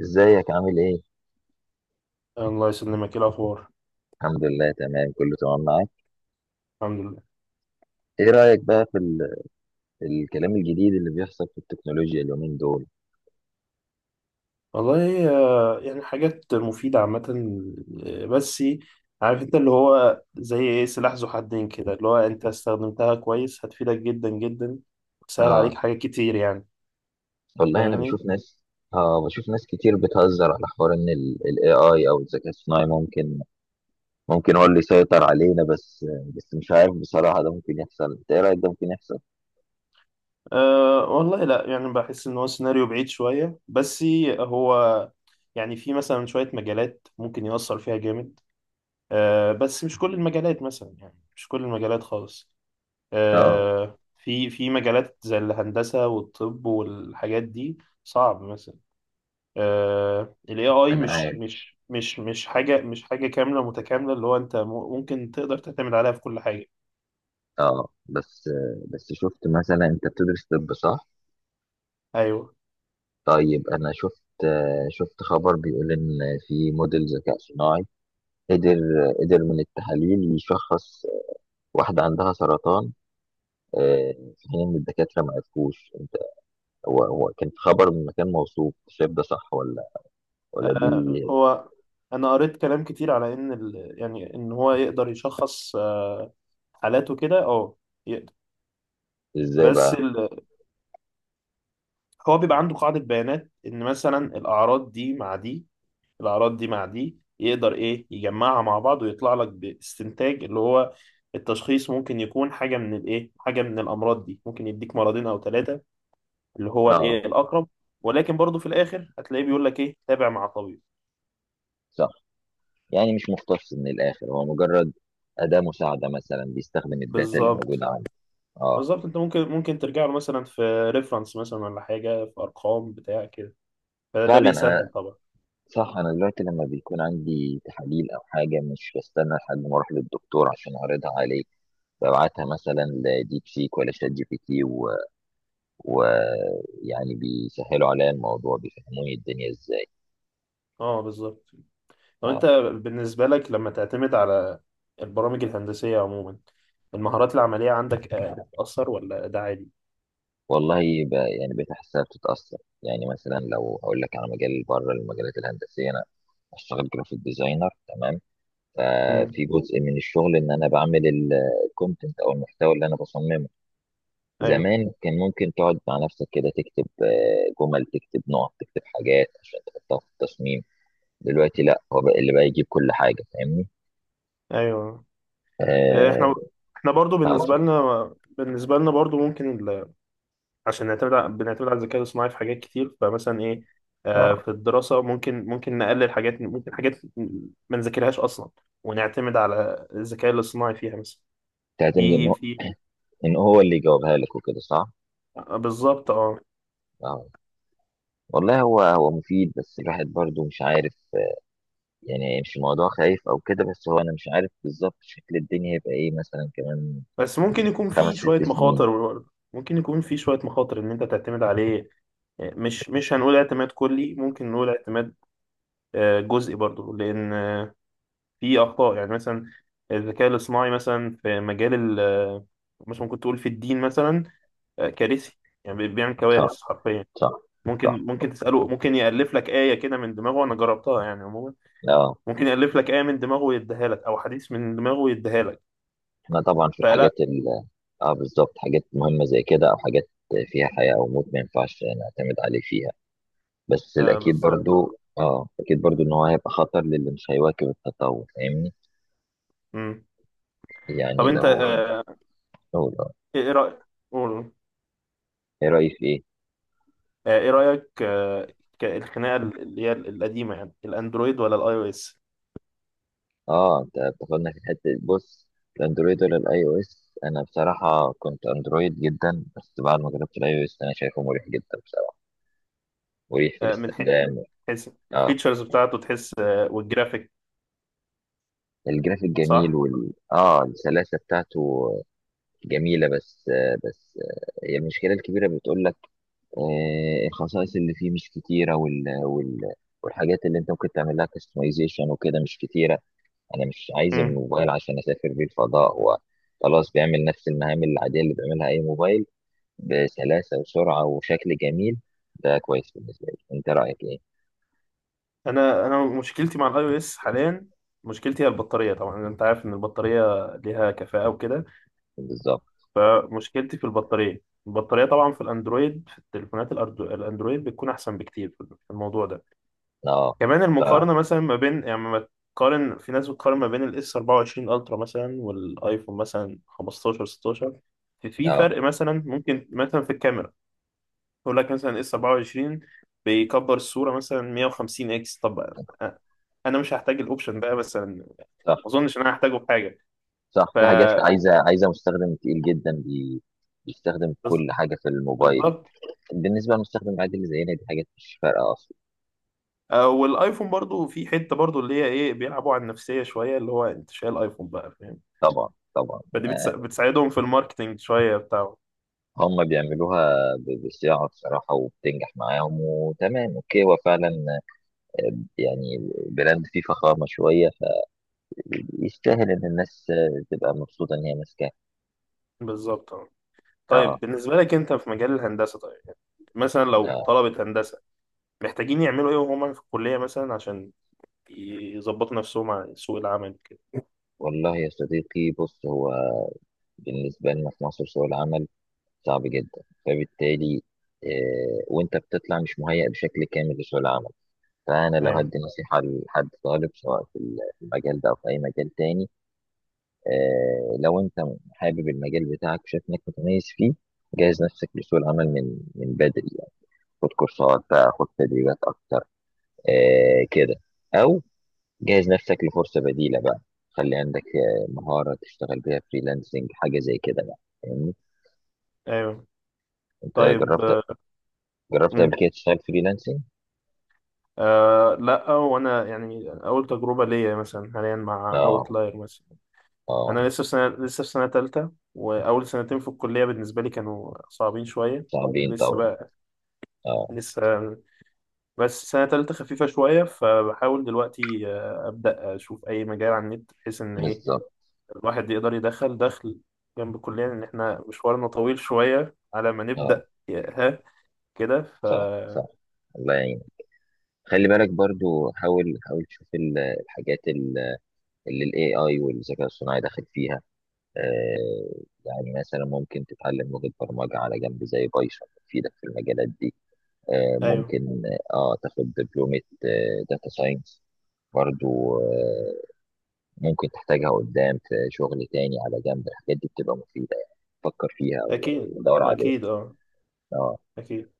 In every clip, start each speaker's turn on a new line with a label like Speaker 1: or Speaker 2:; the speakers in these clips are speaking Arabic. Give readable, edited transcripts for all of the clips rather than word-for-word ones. Speaker 1: ازيك عامل ايه؟
Speaker 2: الله يسلمك، إيه الأخبار؟
Speaker 1: الحمد لله، تمام، كله تمام معاك.
Speaker 2: الحمد لله.
Speaker 1: ايه رأيك بقى في الكلام الجديد اللي بيحصل في التكنولوجيا اليومين دول؟
Speaker 2: والله آه، حاجات مفيدة عامة. آه، بس عارف أنت اللي هو زي إيه؟ سلاح ذو حدين كده. اللي هو أنت استخدمتها كويس هتفيدك جدا جدا وتسهل
Speaker 1: اه،
Speaker 2: عليك حاجات كتير.
Speaker 1: والله انا بشوف
Speaker 2: فاهمني؟
Speaker 1: ناس اه بشوف ناس كتير بتهزر على حوار ان الاي اي او الذكاء الصناعي ممكن هو اللي يسيطر علينا، بس مش عارف بصراحة، ده ممكن يحصل؟ انت ايه رأيك؟ ده ممكن يحصل؟
Speaker 2: أه والله لا، بحس إن هو سيناريو بعيد شوية. بس هو في مثلا شوية مجالات ممكن يأثر فيها جامد. أه بس مش كل المجالات، مثلا مش كل المجالات خالص.
Speaker 1: اه،
Speaker 2: آه، في مجالات زي الهندسة والطب والحاجات دي صعب مثلا. آه، ال AI
Speaker 1: انا
Speaker 2: مش
Speaker 1: عارف.
Speaker 2: مش مش مش حاجة كاملة متكاملة اللي هو أنت ممكن تقدر تعتمد عليها في كل حاجة.
Speaker 1: اه، بس شفت، مثلا، انت بتدرس طب، صح؟
Speaker 2: أيوه.
Speaker 1: طيب، انا شفت خبر بيقول ان في موديل ذكاء صناعي قدر قدر من التحاليل يشخص واحدة عندها سرطان، آه، في حين إن الدكاترة ما عرفوش أنت، هو كان خبر من مكان موثوق، شايف ده صح ولا دي؟
Speaker 2: آه، هو أنا قريت كلام كتير على إن ال، إن هو يقدر يشخص آه، حالاته كده، أه يقدر.
Speaker 1: إزاي
Speaker 2: بس
Speaker 1: بقى؟
Speaker 2: ال، هو بيبقى عنده قاعدة بيانات إن مثلا الأعراض دي مع دي، يقدر ايه يجمعها مع بعض ويطلع لك باستنتاج اللي هو التشخيص، ممكن يكون حاجه من حاجه من الامراض دي، ممكن يديك مرضين او ثلاثه اللي هو
Speaker 1: آه،
Speaker 2: الاقرب. ولكن برضه في الاخر هتلاقيه بيقول لك ايه، تابع مع طبيب.
Speaker 1: صح. يعني مش مختص من الآخر، هو مجرد أداة مساعدة، مثلا بيستخدم الداتا اللي موجودة
Speaker 2: بالظبط.
Speaker 1: عنه. آه،
Speaker 2: بالظبط، انت ممكن ترجع له مثلا في ريفرنس مثلا ولا حاجه، في ارقام بتاع كده. فده
Speaker 1: فعلا.
Speaker 2: بيسهل
Speaker 1: أنا
Speaker 2: طبعا.
Speaker 1: صح أنا دلوقتي لما بيكون عندي تحاليل أو حاجة، مش بستنى لحد ما أروح للدكتور عشان أعرضها عليه، ببعتها مثلا لديب سيك ولا شات جي بي تي، ويعني بيسهلوا عليا الموضوع، بيفهموني الدنيا ازاي.
Speaker 2: اه بالظبط. طب
Speaker 1: اه،
Speaker 2: انت بالنسبة لك، لما تعتمد على البرامج الهندسية عموما، المهارات العملية عندك آه، بتأثر ولا ده عادي؟
Speaker 1: والله، يعني بقيت احسها بتتاثر. يعني مثلا، لو اقول لك على مجال بره المجالات الهندسيه، انا اشتغل جرافيك ديزاينر، تمام؟
Speaker 2: امم
Speaker 1: ففي جزء من الشغل ان انا بعمل الكونتنت، او المحتوى اللي انا بصممه،
Speaker 2: ايوه
Speaker 1: زمان كان ممكن تقعد مع نفسك كده تكتب جمل، تكتب نقط، تكتب حاجات عشان تحطها في التصميم. دلوقتي لا، هو بقى اللي بقى يجيب كل حاجه، فاهمني؟
Speaker 2: ايوه. آه،
Speaker 1: اه.
Speaker 2: احنا احنا برضو
Speaker 1: آه،
Speaker 2: بالنسبة لنا بالنسبة لنا برضو ممكن عشان بنعتمد على الذكاء الصناعي في حاجات كتير، فمثلا ايه، آه،
Speaker 1: آه.
Speaker 2: في الدراسة ممكن نقلل حاجات، ممكن حاجات ما نذاكرهاش أصلا ونعتمد على الذكاء الاصطناعي فيها مثلا.
Speaker 1: تعتمد
Speaker 2: في
Speaker 1: ان
Speaker 2: في
Speaker 1: ان هو اللي يجاوبها لك وكده، صح؟
Speaker 2: آه، بالظبط اه.
Speaker 1: اه، والله هو مفيد، بس الواحد برضو مش عارف، يعني مش الموضوع خايف او كده، بس هو انا مش عارف بالظبط شكل الدنيا هيبقى ايه مثلا كمان
Speaker 2: بس ممكن يكون
Speaker 1: خمس
Speaker 2: فيه شوية
Speaker 1: ست سنين
Speaker 2: مخاطر برضه. ممكن يكون فيه شوية مخاطر إن أنت تعتمد عليه. آه، مش هنقول اعتماد كلي، ممكن نقول اعتماد آه، جزئي برضه. لأن آه، فيه أخطاء، يعني مثلا الذكاء الاصطناعي مثلا في مجال ال آه، مثلا ممكن تقول في الدين مثلا آه، كارثي. يعني بيعمل
Speaker 1: صح،
Speaker 2: كوارث حرفيا.
Speaker 1: صح، صح.
Speaker 2: ممكن تسأله، ممكن يألف لك آية كده من دماغه، أنا جربتها يعني عموما.
Speaker 1: اه،
Speaker 2: ممكن يألف لك آية من دماغه ويديها لك، أو حديث من دماغه ويديها لك.
Speaker 1: احنا طبعا في
Speaker 2: فلا.
Speaker 1: الحاجات اه، بالظبط، حاجات مهمة زي كده او حاجات فيها حياة او موت، ما ينفعش نعتمد عليه فيها. بس
Speaker 2: آه
Speaker 1: الاكيد
Speaker 2: بالظبط آه.
Speaker 1: برضو، اه، اكيد برضو ان هو هيبقى خطر للي مش هيواكب التطور، فاهمني؟
Speaker 2: مم. طب
Speaker 1: يعني
Speaker 2: انت
Speaker 1: لو،
Speaker 2: آه،
Speaker 1: لو-
Speaker 2: إيه رأيك، قول.
Speaker 1: ايه رأيك في ايه؟
Speaker 2: آه، ايه رأيك آه، الخناقة اللي هي القديمة، يعني الاندرويد ولا الاي او اس؟
Speaker 1: اه، انت بتاخدنا في حته. بص، الاندرويد ولا الاي او اس؟ انا بصراحه كنت اندرويد جدا، بس بعد ما جربت الاي او اس، انا شايفه مريح جدا بصراحه، مريح في
Speaker 2: آه،
Speaker 1: الاستخدام.
Speaker 2: حيث
Speaker 1: اه،
Speaker 2: الفيتشرز بتاعته تحس آه، والجرافيك.
Speaker 1: الجرافيك جميل،
Speaker 2: صح.
Speaker 1: وال اه السلاسه بتاعته جميله، بس هي المشكله الكبيره، بتقول لك آه، الخصائص اللي فيه مش كتيره، والحاجات اللي انت ممكن تعمل لها كاستمايزيشن وكده مش كتيره. انا مش عايز
Speaker 2: مم.
Speaker 1: الموبايل عشان اسافر بيه الفضاء، هو خلاص بيعمل نفس المهام العاديه اللي بيعملها اي موبايل بسلاسه وسرعه وشكل جميل. ده كويس بالنسبه لي. انت رايك ايه؟
Speaker 2: انا مشكلتي مع الاي او اس حاليا، مشكلتي هي البطارية. طبعا انت عارف ان البطارية ليها كفاءة وكده.
Speaker 1: بالظبط.
Speaker 2: فمشكلتي في البطارية. البطارية طبعا في الاندرويد، في التليفونات الاندرويد، بتكون احسن بكتير في الموضوع ده.
Speaker 1: اه.
Speaker 2: كمان
Speaker 1: ف
Speaker 2: المقارنة مثلا ما بين، يعني ما تقارن، في ناس بتقارن ما بين الاس 24 الترا مثلا والايفون مثلا 15 16. في
Speaker 1: اه
Speaker 2: فرق مثلا ممكن مثلا في الكاميرا، يقول لك مثلا اس 24 بيكبر الصورة مثلا 150 اكس. طب انا مش هحتاج الاوبشن ده مثلا، ما
Speaker 1: صح،
Speaker 2: اظنش ان انا هحتاجه في حاجة.
Speaker 1: صح.
Speaker 2: ف
Speaker 1: في حاجات عايزه مستخدم تقيل جدا بيستخدم كل
Speaker 2: بز-
Speaker 1: حاجه في الموبايل.
Speaker 2: بالظبط.
Speaker 1: بالنسبه للمستخدم العادي اللي زينا، دي حاجات مش فارقه اصلا.
Speaker 2: آه، والايفون برضو في حتة برضو اللي هي ايه، بيلعبوا على النفسية شوية، اللي هو انت شايل ايفون بقى، فاهم.
Speaker 1: طبعا، طبعا.
Speaker 2: فدي بتساعدهم في الماركتينج شوية بتاعه.
Speaker 1: هم بيعملوها بصياعه بصراحه، وبتنجح معاهم، وتمام، اوكي، هو فعلا يعني براند فيه فخامة شوية، يستاهل إن الناس تبقى مبسوطة إن هي ماسكاه.
Speaker 2: بالظبط. طيب
Speaker 1: آه،
Speaker 2: بالنسبة لك أنت في مجال الهندسة، طيب يعني مثلا لو
Speaker 1: آه.
Speaker 2: طلبة هندسة محتاجين يعملوا إيه وهم في الكلية مثلا، عشان يظبطوا نفسهم على سوق العمل كده.
Speaker 1: والله يا صديقي، بص، هو بالنسبة لنا في مصر سوق العمل صعب جدا، فبالتالي آه، وأنت بتطلع مش مهيأ بشكل كامل لسوق العمل. فأنا لو
Speaker 2: أيوه.
Speaker 1: هدي نصيحة لحد طالب، سواء في المجال ده أو في أي مجال تاني، آه، لو أنت حابب المجال بتاعك، شايف إنك متميز فيه، جهز نفسك لسوق العمل من بدري يعني. خد كورسات بقى، خد تدريبات أكتر، كده، او جهز نفسك لفرصه بديله بقى، خلي عندك مهاره تشتغل بيها فريلانسنج، حاجه زي كده بقى، فاهمني؟
Speaker 2: أيوه.
Speaker 1: انت
Speaker 2: طيب آه،
Speaker 1: جربت، قبل
Speaker 2: مم.
Speaker 1: كده تشتغل فريلانسنج؟
Speaker 2: آه لا، وأنا يعني أول تجربة ليا مثلا حاليا مع
Speaker 1: اه.
Speaker 2: أوتلاير مثلا.
Speaker 1: اه،
Speaker 2: أنا لسه في سنة، لسه في سنة تالتة. وأول سنتين في الكلية بالنسبة لي كانوا صعبين شوية.
Speaker 1: صعبين
Speaker 2: لسه
Speaker 1: طبعا.
Speaker 2: بقى،
Speaker 1: اه،
Speaker 2: لسه. بس سنة تالتة خفيفة شوية، فبحاول دلوقتي آه، أبدأ أشوف أي مجال على النت، بحيث إن إيه
Speaker 1: بالظبط.
Speaker 2: الواحد يقدر يدخل دخل جنب الكلية. لأن إحنا مشوارنا طويل شوية على ما
Speaker 1: اه،
Speaker 2: نبدأ ها كده.
Speaker 1: صح، صح. الله يعينك. خلي بالك برضو، حاول، حاول تشوف الحاجات اللي الاي اي والذكاء الصناعي داخل فيها. آه، يعني مثلا ممكن تتعلم لغة برمجة على جنب زي بايثون، تفيدك في المجالات دي. آه،
Speaker 2: أيوه.
Speaker 1: ممكن، اه تاخد دبلومة داتا ساينس برضو. آه، ممكن تحتاجها قدام في شغل تاني على جنب، الحاجات دي بتبقى مفيدة يعني. فكر فيها
Speaker 2: أكيد.
Speaker 1: ودور عليها.
Speaker 2: أكيد أه.
Speaker 1: اه،
Speaker 2: أكيد.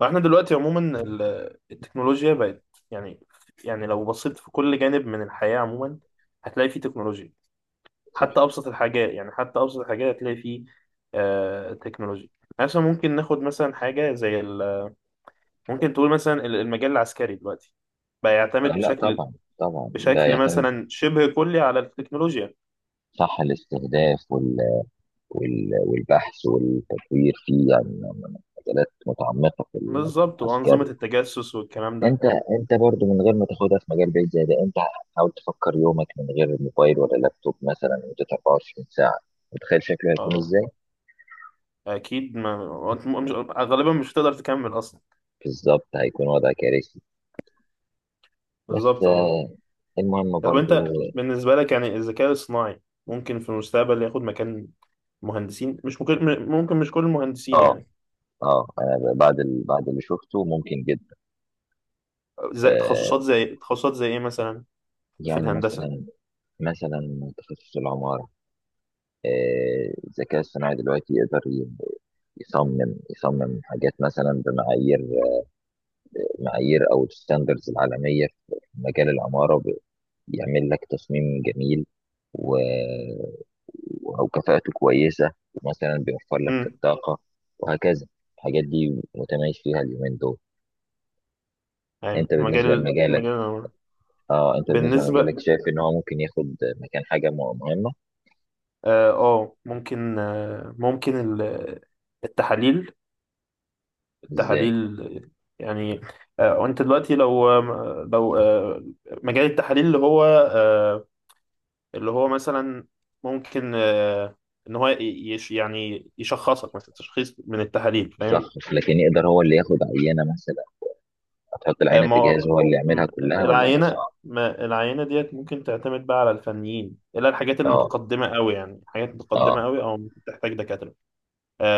Speaker 2: وإحنا دلوقتي عموما التكنولوجيا بقت، يعني لو بصيت في كل جانب من الحياة عموما، هتلاقي فيه تكنولوجيا.
Speaker 1: صح.
Speaker 2: حتى أبسط الحاجات، حتى أبسط الحاجات هتلاقي فيه آه تكنولوجيا. يعني مثلا ممكن ناخد مثلا حاجة زي ممكن تقول مثلا المجال العسكري دلوقتي بقى
Speaker 1: آه،
Speaker 2: يعتمد
Speaker 1: لا، طبعا. طبعا، ده
Speaker 2: بشكل
Speaker 1: يعتمد.
Speaker 2: مثلا شبه كلي على التكنولوجيا.
Speaker 1: صح، الاستهداف والبحث والتطوير فيه، يعني من مجالات متعمقة في المجال
Speaker 2: بالظبط، وأنظمة
Speaker 1: العسكري.
Speaker 2: التجسس والكلام ده.
Speaker 1: انت انت برضو من غير ما تاخدها في مجال بعيد زي ده، انت حاول تفكر يومك من غير موبايل ولا لابتوب مثلا لمدة 24 ساعة، متخيل شكله هيكون
Speaker 2: اه.
Speaker 1: ازاي؟
Speaker 2: أكيد ما، وأنت مش غالبا، مش هتقدر تكمل أصلا.
Speaker 1: بالظبط، هيكون وضع كارثي. بس
Speaker 2: بالظبط اه.
Speaker 1: المهم
Speaker 2: طب
Speaker 1: برضو.
Speaker 2: أنت بالنسبة لك، يعني الذكاء الصناعي ممكن في المستقبل ياخد مكان مهندسين؟ مش ممكن، ممكن مش كل المهندسين
Speaker 1: اه،
Speaker 2: يعني.
Speaker 1: اه، انا بعد اللي شفته ممكن جدا. آه،
Speaker 2: زي تخصصات زي إيه مثلا في
Speaker 1: يعني
Speaker 2: الهندسة؟
Speaker 1: مثلا تخصص العمارة، آه، الذكاء الصناعي دلوقتي يقدر يصمم حاجات مثلا بمعايير او الستاندرز العالميه في مجال العماره، يعمل لك تصميم جميل، و... وكفاءته كويسة، ومثلا بيوفر لك في
Speaker 2: امم
Speaker 1: الطاقة، وهكذا. الحاجات دي متميز فيها اليومين دول. انت
Speaker 2: أيوة،
Speaker 1: بالنسبة
Speaker 2: مجال
Speaker 1: لمجالك
Speaker 2: مجال العمارة.
Speaker 1: اه انت بالنسبة لمجالك
Speaker 2: بالنسبة،
Speaker 1: شايف ان هو ممكن ياخد مكان حاجة مهمة؟
Speaker 2: اه آه، ممكن آه، ممكن ال- التحاليل،
Speaker 1: ازاي؟
Speaker 2: تحاليل يعني آه، وانت دلوقتي لو لو آه، مجال التحاليل اللي هو آه، اللي هو مثلا ممكن آه، ان هو يش، يعني يشخصك مثلا تشخيص من التحاليل، فاهم.
Speaker 1: شخص، لكن يقدر هو اللي ياخد عينة مثلا؟ هتحط
Speaker 2: آه،
Speaker 1: العينة
Speaker 2: ما
Speaker 1: في
Speaker 2: هو-
Speaker 1: جهاز هو اللي يعملها كلها، ولا ده
Speaker 2: العينة،
Speaker 1: صعب؟
Speaker 2: ما العينة ديت ممكن تعتمد بقى على الفنيين، الا الحاجات
Speaker 1: اه،
Speaker 2: المتقدمة قوي. يعني حاجات
Speaker 1: اه،
Speaker 2: متقدمة قوي او ممكن تحتاج دكاترة.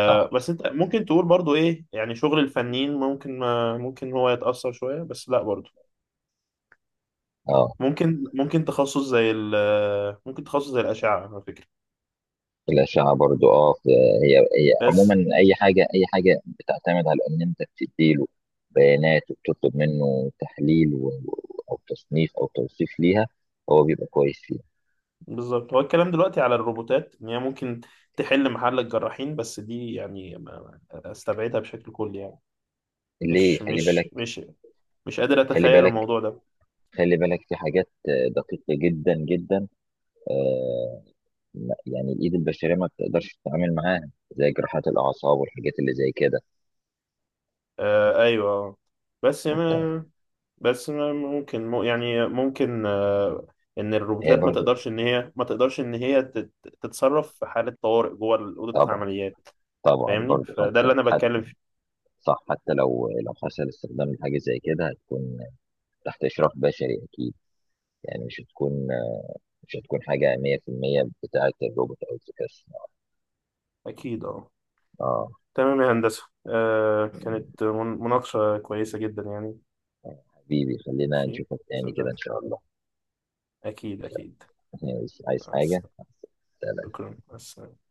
Speaker 1: صح.
Speaker 2: بس انت ممكن تقول برضو ايه، يعني شغل الفنيين ممكن ما، ممكن هو يتأثر شوية، بس لا برضو
Speaker 1: اه،
Speaker 2: ممكن تخصص زي ال ممكن تخصص زي الأشعة على فكرة.
Speaker 1: الأشعة برضو. اه، هي عموما
Speaker 2: بس
Speaker 1: أي حاجة، أي حاجة بتعتمد على إن أنت بتديله بيانات وبتطلب منه تحليل أو تصنيف أو توصيف ليها، هو بيبقى كويس فيها.
Speaker 2: بالظبط، هو الكلام دلوقتي على الروبوتات إن هي ممكن تحل محل الجراحين. بس دي يعني أستبعدها بشكل كلي يعني.
Speaker 1: ليه؟
Speaker 2: مش
Speaker 1: خلي
Speaker 2: مش
Speaker 1: بالك،
Speaker 2: مش مش قادر
Speaker 1: خلي
Speaker 2: أتخيل
Speaker 1: بالك،
Speaker 2: الموضوع ده.
Speaker 1: خلي بالك في حاجات دقيقة جدا جدا، آه، يعني الإيد البشرية ما بتقدرش تتعامل معاها، زي جراحات الأعصاب والحاجات اللي زي كده
Speaker 2: آه أيوه. بس
Speaker 1: وبتاع.
Speaker 2: ما بس ما ممكن يعني ممكن آه إن
Speaker 1: هي
Speaker 2: الروبوتات ما
Speaker 1: برضو.
Speaker 2: تقدرش، إن هي ما تقدرش إن هي تتصرف في حالة طوارئ جوه أوضة
Speaker 1: طبعا،
Speaker 2: العمليات.
Speaker 1: طبعا
Speaker 2: فاهمني؟
Speaker 1: برضو،
Speaker 2: فده
Speaker 1: حتى
Speaker 2: اللي أنا
Speaker 1: حتى
Speaker 2: بتكلم فيه.
Speaker 1: صح، حتى لو حصل استخدام لحاجة زي كده، هتكون تحت إشراف بشري أكيد، يعني مش هتكون حاجة 100% بتاعة الروبوت أو الذكاء الصناعي.
Speaker 2: أكيد أه.
Speaker 1: اه،
Speaker 2: تمام يا هندسة، آه
Speaker 1: يعني
Speaker 2: كانت مناقشة كويسة جدا يعني.
Speaker 1: حبيبي خلينا
Speaker 2: ماشي.
Speaker 1: نشوفك تاني كده إن
Speaker 2: صدقت.
Speaker 1: شاء الله.
Speaker 2: أكيد أكيد.
Speaker 1: عايز
Speaker 2: مع
Speaker 1: حاجة؟
Speaker 2: السلامة.
Speaker 1: سلام.
Speaker 2: شكرا، مع السلامة.